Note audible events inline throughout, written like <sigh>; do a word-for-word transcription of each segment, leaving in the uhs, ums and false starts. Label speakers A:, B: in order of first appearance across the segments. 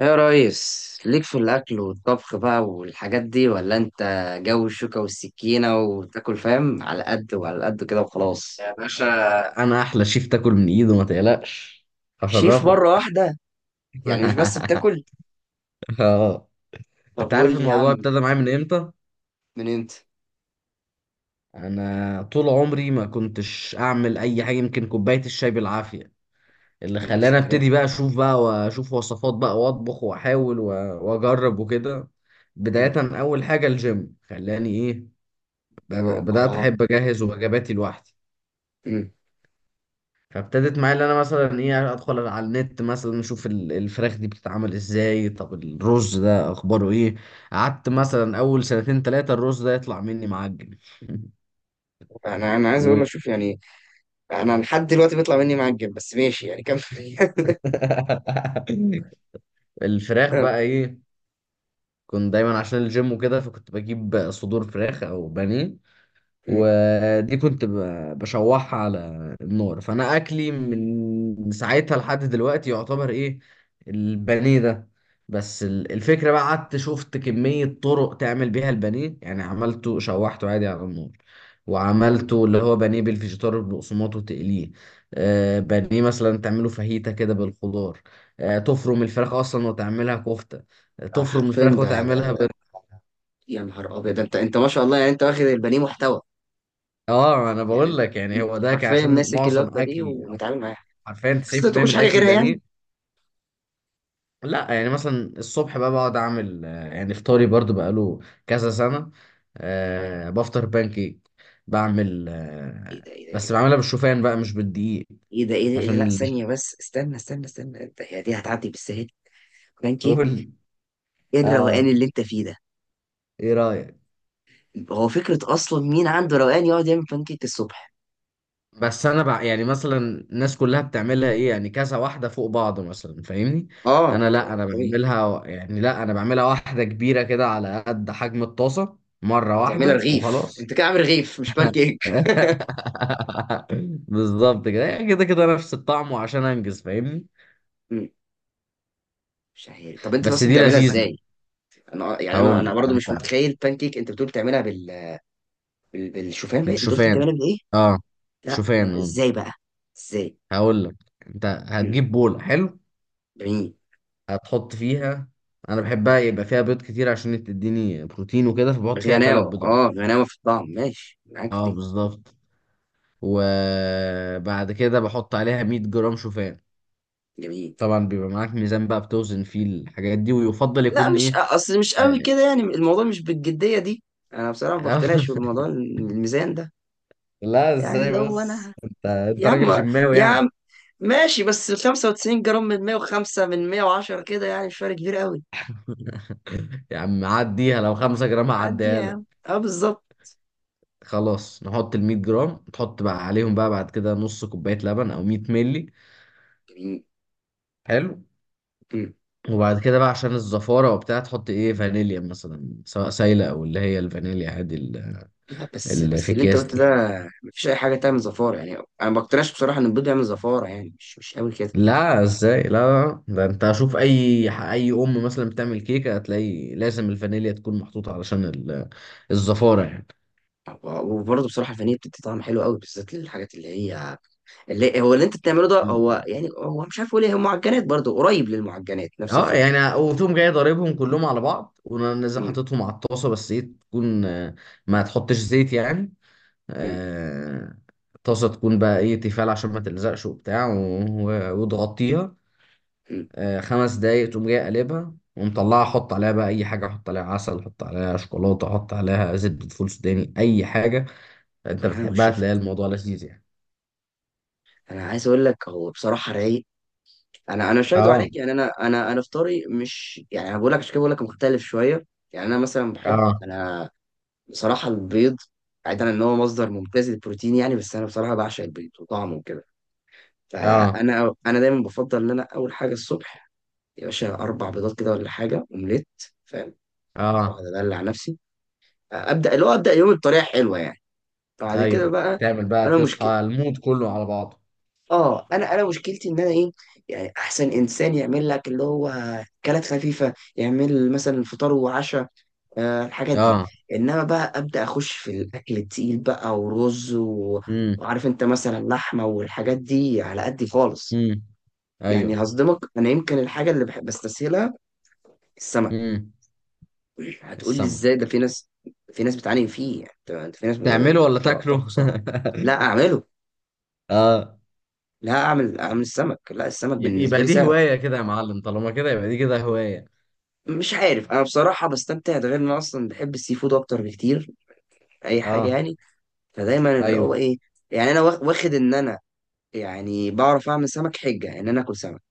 A: ايه يا ريس، ليك في الاكل والطبخ بقى والحاجات دي، ولا انت جو الشوكة والسكينة وتاكل فاهم على قد وعلى قد كده وخلاص؟
B: يا باشا، انا احلى شيف تاكل من ايده، ما تقلقش.
A: شيف مرة
B: هشرفك.
A: واحدة؟ يعني مش بس
B: <laughs>
A: بتاكل؟
B: اه.
A: طب
B: انت
A: قول
B: عارف
A: لي يا
B: الموضوع
A: عم،
B: ابتدى معايا من امتى؟
A: من انت؟
B: انا طول عمري ما كنتش اعمل اي حاجه، يمكن كوبايه الشاي بالعافيه. اللي
A: نفس
B: خلاني
A: الكلام.
B: ابتدي بقى اشوف بقى واشوف وصفات بقى واطبخ واحاول و- واجرب وكده.
A: أمم.
B: بدايه، اول حاجه الجيم خلاني ايه، بد-
A: اه
B: بدات
A: اه.
B: احب اجهز وجباتي لوحدي.
A: أمم.
B: فابتدت معايا ان انا مثلا ايه ادخل على النت، مثلا اشوف ال- الفراخ دي بتتعمل ازاي، طب الرز ده اخباره ايه. قعدت مثلا اول سنتين ثلاثة الرز ده يطلع مني معجن.
A: انا انا
B: <laughs>
A: عايز اقول
B: و...
A: لك، شوف يعني، انا لحد دلوقتي بيطلع مني معجب، بس ماشي يعني، كمل. <laughs>
B: <laughs> الفراخ
A: آه،
B: بقى ايه، كنت دايما عشان الجيم وكده فكنت بجيب صدور فراخ او بانيه،
A: أمم.
B: ودي كنت ب- بشوحها على النار. فانا اكلي من ساعتها لحد دلوقتي يعتبر ايه، البانيه ده. بس ال- الفكره بقى قعدت شفت كميه طرق تعمل بيها البانيه، يعني عملته شوحته عادي على النار،
A: أمم.
B: وعملته اللي هو بانيه بالفيجيتار والبقسماط وتقليه. آه بانيه مثلا تعمله فاهيتا كده بالخضار، آه تفرم الفراخ اصلا وتعملها كفته، آه،
A: آه،
B: تفرم
A: حرفيا
B: الفراخ
A: ده
B: وتعملها
A: ده
B: بال...
A: يا نهار ابيض، ده انت انت ما شاء الله، يعني انت واخد البانيه محتوى.
B: اه، انا
A: يعني
B: بقول
A: انت
B: لك يعني هو
A: انت
B: ده كان
A: حرفيا
B: عشان
A: ماسك الوجبه
B: معظم
A: دي
B: اكلي،
A: ومتعامل معاها.
B: حرفيا
A: بس ما
B: تسعين بالمية
A: تاكلش
B: من
A: حاجه
B: اكلي
A: غيرها يعني؟
B: بانيه. لا، يعني مثلا الصبح بقى بقعد اعمل، آه، يعني فطاري برضو بقاله كذا سنه. أه، بفطر بانكيك، بعمل
A: ايه
B: أه
A: ده ايه ده ايه
B: بس
A: ده،
B: بعملها بالشوفان بقى مش بالدقيق،
A: ايه ده, إيه ده؟ إيه ده؟
B: عشان
A: لا
B: ال-
A: ثانيه بس، استنى استنى استنى، انت هي دي هتعدي بالسهل؟
B: <laughs>
A: بانكيك؟
B: قول لي.
A: ايه الروقان اللي
B: اه.
A: انت فيه ده؟
B: ايه رايك؟
A: هو فكره اصلا مين عنده روقان يقعد يعمل بانكيك الصبح؟
B: بس انا بقى يعني مثلا الناس كلها بتعملها ايه يعني، كذا واحده فوق بعض مثلا، فاهمني؟
A: اه،
B: انا لا،
A: هو
B: انا
A: طبيعي.
B: بعملها و- يعني لا، انا بعملها واحده كبيره كده على قد حجم الطاسه، مره
A: وتعملها
B: واحده
A: رغيف؟
B: وخلاص.
A: انت كده عامل رغيف، مش بانكيك.
B: <laughs> بالظبط كده، يعني كده كده نفس الطعم، وعشان انجز، فاهمني؟
A: مم، مش عارف. طب انت
B: بس
A: اصلا
B: دي
A: بتعملها
B: لذيذه.
A: ازاي؟ انا آه، يعني انا
B: هقول
A: انا
B: لك
A: برضه مش
B: انت،
A: متخيل بانكيك. انت بتقول بتعملها بال... بال... بالشوفان؟ بقى انت قلت
B: بالشوفان.
A: بتعملها بايه؟
B: اه،
A: لا لا،
B: شوفان.
A: ازاي
B: آه.
A: بقى؟ ازاي؟
B: هقول لك. انت
A: مم،
B: هتجيب بوله حلو،
A: جميل.
B: هتحط فيها، انا بحبها يبقى فيها بيض كتير عشان تديني بروتين وكده، فبحط فيها تلات
A: بالغناوه،
B: بيضات.
A: اه، غناوه في الطعم، ماشي معاك في
B: اه،
A: دي.
B: بالظبط. وبعد كده بحط عليها مية جرام شوفان.
A: جميل.
B: طبعا بيبقى معاك ميزان بقى بتوزن فيه الحاجات دي، ويفضل
A: لا،
B: يكون
A: مش
B: ايه
A: اصل مش قوي
B: آه،
A: كده يعني، الموضوع مش بالجديه دي. انا بصراحه ما بقتنعش
B: <laughs>
A: بالموضوع الميزان ده.
B: لا،
A: يعني
B: ازاي؟
A: اللي هو
B: بس
A: انا،
B: انت انت
A: يا عم،
B: راجل جماوي
A: يا
B: يعني.
A: عم، ماشي، بس خمسة وتسعين جرام من مية وخمسة من مية وعشرة كده، يعني مش فرق كبير قوي.
B: <laughs> يا عم عديها، لو خمسة جرام
A: عدي يا
B: هعديها لك.
A: عم، اه بالظبط.
B: خلاص، نحط ال مية جرام، تحط بقى عليهم
A: جميل،
B: بقى بعد كده نص كوباية لبن او مية ملي.
A: جميل.
B: حلو.
A: مم.
B: وبعد كده بقى، عشان الزفارة وبتاع، تحط ايه فانيليا مثلا، سواء سايلة او اللي هي الفانيليا عادي ال-
A: لا بس
B: اللي
A: بس
B: في
A: اللي انت
B: اكياس
A: قلته ده،
B: دي.
A: مفيش اي حاجه تعمل زفاره يعني، انا ما بقتنعش بصراحه ان البيض يعمل زفاره يعني، مش مش قوي كده.
B: لا، ازاي؟ لا لا، لا. ده انت اشوف اي ح- اي ام مثلا بتعمل كيكة هتلاقي لازم الفانيليا تكون محطوطة علشان ال- الزفارة.
A: وبرضه بصراحه الفانيليا بتدي طعم حلو قوي، بالذات للحاجات اللي هي، اللي هو اللي انت بتعمله ده، هو
B: يعني
A: يعني هو مش عارف اقول ايه، هو معجنات برضه، قريب للمعجنات، نفس
B: اه
A: الفكره.
B: يعني، وتقوم جاي ضاربهم كلهم على بعض ونزل
A: امم.
B: حاططهم على الطاسه، بس ايه، تكون آه، ما تحطش زيت يعني.
A: امم.
B: آه، الطاسه تكون بقى ايه، تيفال، عشان ما تلزقش وبتاع، و- و- وتغطيها.
A: امم.
B: آه، خمس دقايق تقوم جاي قلبها ومطلعها، احط عليها بقى اي حاجه، احط عليها عسل، احط عليها شوكولاته، احط عليها زبده فول سوداني، اي حاجه انت
A: بالهنا
B: بتحبها،
A: والشفا.
B: تلاقي الموضوع لذيذ يعني.
A: انا عايز اقول لك، هو بصراحه رايق. انا انا مش هكدب
B: اه،
A: عليك يعني، انا انا انا فطاري مش يعني، انا بقول لك عشان كده بقول لك مختلف شويه. يعني انا مثلا بحب
B: اه،
A: انا، بصراحه البيض، بعيدا ان هو مصدر ممتاز للبروتين يعني، بس انا بصراحه بعشق البيض وطعمه وكده.
B: اه،
A: فانا انا دايما بفضل ان انا اول حاجه الصبح، يا باشا، اربع بيضات كده ولا حاجه اومليت، فاهم؟
B: اه،
A: واقعد ادلع نفسي، ابدا اللي هو ابدا يومي بطريقه حلوه يعني. بعد كده
B: ايوه.
A: بقى،
B: تعمل بقى
A: انا مشكلة،
B: تصحى المود كله على بعضه.
A: اه انا انا مشكلتي ان انا ايه، يعني احسن انسان يعمل لك اللي هو اكلات خفيفه، يعمل مثلا فطار وعشاء، آه الحاجات دي.
B: اه.
A: انما بقى ابدا اخش في الاكل التقيل بقى ورز و...
B: إمم.
A: وعارف انت مثلا لحمه والحاجات دي على قدي خالص.
B: امم. ايوه.
A: يعني هصدمك، انا يمكن الحاجه اللي بحب بستسهلها السمك.
B: امم.
A: هتقول لي
B: السمك؟
A: ازاي، ده في ناس، في ناس بتعاني فيه يعني، انت، أنت في ناس بتقول
B: تعمله ولا
A: لك لا، طب
B: تاكله؟
A: صح. لا اعمله.
B: <laughs> اه.
A: لا اعمل، اعمل السمك، لا السمك
B: ي-
A: بالنسبه
B: يبقى
A: لي
B: دي
A: سهل.
B: هواية كده يا معلم، طالما كده يبقى دي كده هواية.
A: مش عارف، انا بصراحه بستمتع، ده غير ان أنا اصلا بحب السي فود اكتر بكتير، اي حاجه
B: اه.
A: يعني. فدايما اللي هو
B: ايوه.
A: ايه، يعني انا واخ- واخد ان انا، يعني بعرف اعمل سمك، حجه ان انا اكل سمك.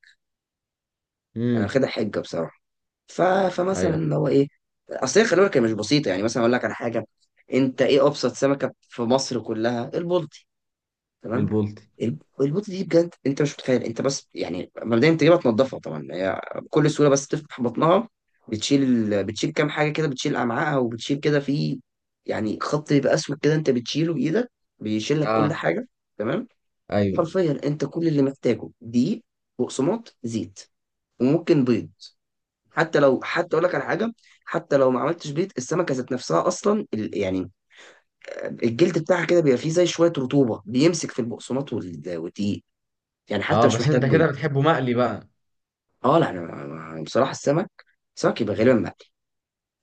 A: انا
B: امم.
A: واخدها حجه بصراحه. ف... فمثلا
B: ايوه.
A: اللي هو ايه. اصل هي خلي بالك، هي مش بسيطه يعني، مثلا اقول لك على حاجه. انت ايه ابسط سمكه في مصر كلها؟ البلطي، تمام.
B: البولتي.
A: الب- البوطه دي بجد انت مش متخيل، انت بس يعني مبدئيا بتجيبها تنضفها، طبعا هي بكل سهوله، بس تفتح بطنها، بتشيل ال... بتشيل كام حاجه كده، بتشيل امعائها وبتشيل كده في، يعني خط بيبقى اسود كده انت بتشيله بايدك، بيشيل لك كل
B: اه.
A: حاجه. تمام.
B: ايوه.
A: حرفيا انت كل اللي محتاجه دقيق، بقسماط، زيت، وممكن بيض. حتى لو، حتى اقول لك على حاجه، حتى لو ما عملتش بيض، السمكه ذات نفسها اصلا ال- يعني آه، الجلد بتاعها كده بيبقى فيه زي شويه رطوبه، بيمسك في البقسماط وال- والدقيق، يعني حتى
B: اه.
A: مش
B: بس
A: محتاج
B: انت
A: بيض.
B: كده بتحبه مقلي بقى.
A: اه لا انا، أنا بصراحه السمك، سمك يبقى غالبا مقلي.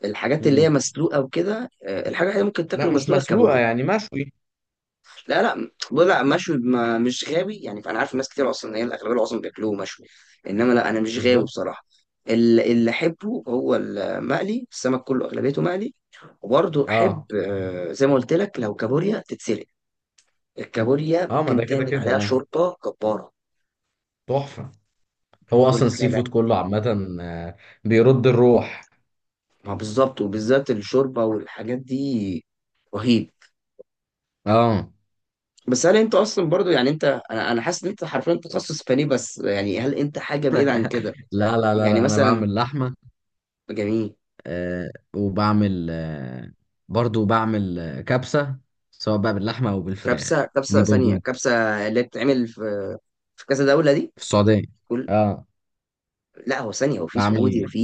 A: الحاجات اللي هي
B: امم.
A: مسلوقه وكده، آه، الحاجه اللي ممكن
B: لا،
A: تاكله
B: مش
A: مسلوقه
B: مسلوقة،
A: الكابوريا.
B: يعني مشوي.
A: لا لا، بقول لا مشوي، ما مش غاوي يعني. فانا عارف ناس كتير، اصلا ان هي الاغلبيه العظمى بياكلوه مشوي، انما لا انا مش غاوي
B: بالظبط.
A: بصراحه. ال- اللي احبه هو المقلي، السمك كله اغلبيته مقلي. وبرضه احب
B: اه.
A: آه، زي ما قلت لك، لو كابوريا تتسلق، الكابوريا
B: اه، ما
A: ممكن
B: ده كده
A: تعمل
B: كده.
A: عليها
B: اه،
A: شوربه جباره.
B: تحفة. هو
A: بقول
B: اصلا
A: لك لا
B: السي
A: لا،
B: فود كله عامة، آه، بيرد الروح.
A: ما بالظبط، وبالذات الشوربه والحاجات دي، رهيب.
B: اه.
A: بس هل انت اصلا برضو يعني، انت، انا انا حاسس ان انت حرفيا تخصص فني، بس يعني هل انت حاجه بعيد عن كده؟
B: لا لا لا
A: يعني
B: لا، انا
A: مثلا.
B: بعمل لحمة،
A: جميل.
B: آه، وبعمل آه، برضو بعمل آه، كبسة، سواء بقى باللحمة أو بالفراخ.
A: كبسه،
B: دي
A: كبسه ثانيه،
B: برضو
A: كبسه؟ اللي بتتعمل في، في كذا دوله دي؟
B: في السعودية.
A: كل،
B: اه،
A: لا هو ثانيه، وفي سعودي،
B: بعمل.
A: وفي،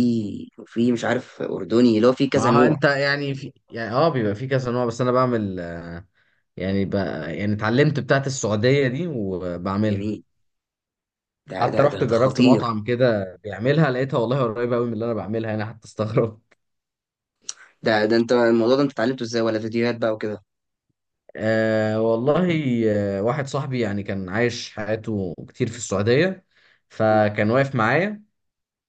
A: وفي مش عارف اردني، اللي هو في كذا
B: ما هو
A: نوع.
B: انت يعني في، يعني اه، بيبقى في كذا نوع، بس انا بعمل آه، يعني ب... يعني اتعلمت بتاعت السعودية دي وبعملها.
A: جميل. ده
B: حتى
A: ده
B: رحت
A: ده, ده
B: جربت
A: خطير.
B: مطعم كده بيعملها، لقيتها والله قريبة قوي من اللي انا بعملها، انا حتى استغربت.
A: ده ده انت الموضوع ده انت اتعلمته ازاي؟ ولا فيديوهات بقى وكده؟
B: آه والله. آه واحد صاحبي يعني كان عايش حياته كتير في السعودية،
A: م-
B: فكان واقف معايا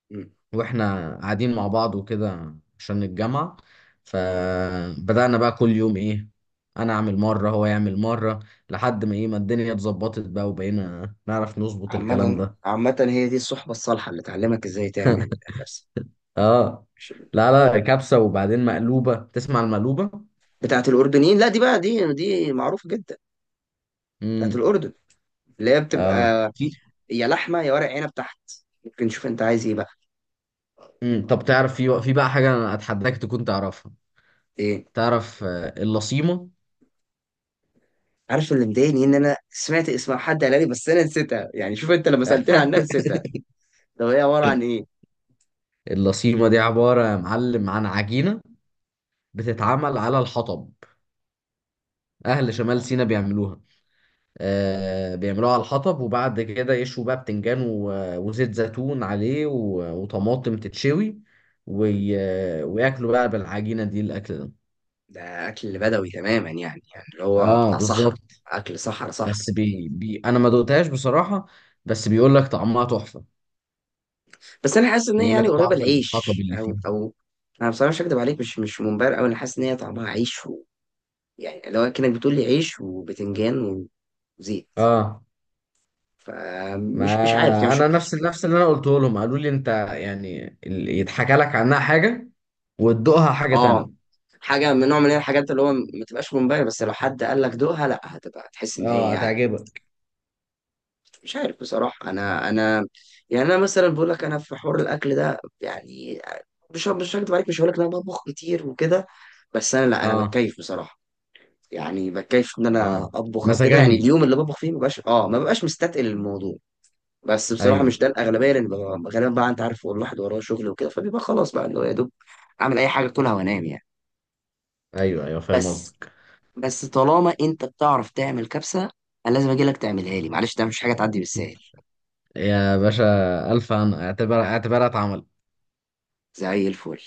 A: م-
B: واحنا قاعدين مع بعض وكده عشان الجامعة،
A: م.
B: فبدأنا بقى كل يوم ايه، انا اعمل مرة هو يعمل مرة، لحد ما ايه ما الدنيا اتظبطت بقى وبقينا نعرف نظبط الكلام
A: عامة،
B: ده.
A: عامة، هي دي الصحبة الصالحة اللي تعلمك ازاي تعمل نفسك.
B: اه.
A: مش
B: لا لا، كبسة، وبعدين مقلوبة. تسمع المقلوبة؟
A: بتاعت الأردنيين؟ لا دي بقى، دي دي معروفة جدا، بتاعت
B: امم.
A: الأردن، اللي هي
B: اه،
A: بتبقى
B: في.
A: يا لحمة يا ورق عنب تحت. ممكن نشوف انت عايز ايه بقى.
B: امم. طب تعرف في في بقى حاجة انا اتحداك تكون تعرفها.
A: ايه؟
B: تعرف آه، اللصيمة؟
A: عارف، اللي مضايقني ان انا سمعت اسم حد قالها لي، بس انا نسيتها يعني. شوف انت لما سألتني عنها
B: <laughs>
A: نسيتها. طب هي عبارة عن ايه؟
B: اللصيمة دي عبارة يا معلم عن عجينة
A: جميل.
B: بتتعمل على الحطب، أهل شمال سيناء بيعملوها. آه، بيعملوها على الحطب، وبعد كده يشوا بقى بتنجان و- وزيت زيتون عليه و- وطماطم تتشوي، وي- وياكلوا بقى بالعجينة دي الأكل ده.
A: ده أكل بدوي تماما يعني، يعني اللي هو
B: اه،
A: بتاع صحراء.
B: بالظبط.
A: أكل صحراء صحراء.
B: بس بي... بي... انا ما دقتهاش بصراحة، بس بيقول لك طعمها تحفة،
A: بس انا حاسس ان هي
B: بيقول
A: يعني
B: لك
A: قريبه
B: طعم الحطب
A: العيش،
B: اللي
A: او
B: فيها.
A: او، انا بصراحه مش هكدب عليك، مش مش منبهر قوي. انا حاسس ان هي طعمها عيش و... يعني لو كانك بتقول لي عيش وبتنجان وزيت،
B: اه،
A: فمش مش عارف يعني،
B: ما
A: مش
B: انا نفس نفس اللي انا قلته لهم، قالوا لي انت يعني ال- يتحكى لك عنها حاجة وتدوقها حاجة
A: اه.
B: تانية.
A: حاجه من نوع من الحاجات اللي هو ما تبقاش منبهر، بس لو حد قال لك دوقها، لا هتبقى هتحس ان هي
B: اه،
A: يعني.
B: هتعجبك.
A: مش عارف بصراحه، انا انا يعني انا مثلا بقول لك، انا في حوار الاكل ده يعني، مش مش هكدب عليك، مش هقول لك ان انا بطبخ كتير وكده. بس انا لا انا
B: اه.
A: بتكيف بصراحه، يعني بكيف ان انا
B: اه،
A: اطبخ او كده يعني،
B: مزاجنجي.
A: اليوم اللي بطبخ فيه مبقاش اه، ما ببقاش مستتقل الموضوع. بس بصراحه مش
B: ايوه.
A: ده الاغلبيه، لان ببقى- غالبا بقى انت عارف الواحد وراه شغل وكده، فبيبقى خلاص بقى اللي هو يا دوب اعمل اي حاجه كلها وانام يعني.
B: ايوه. ايوه، فاهم
A: بس،
B: قصدك.
A: بس طالما انت بتعرف تعمل كبسه، انا لازم اجي لك تعملها لي معلش، ده مش حاجه تعدي بالسهل.
B: يا باشا، الف، انا اعتبر اعتبرها اتعملت.
A: زي الفل.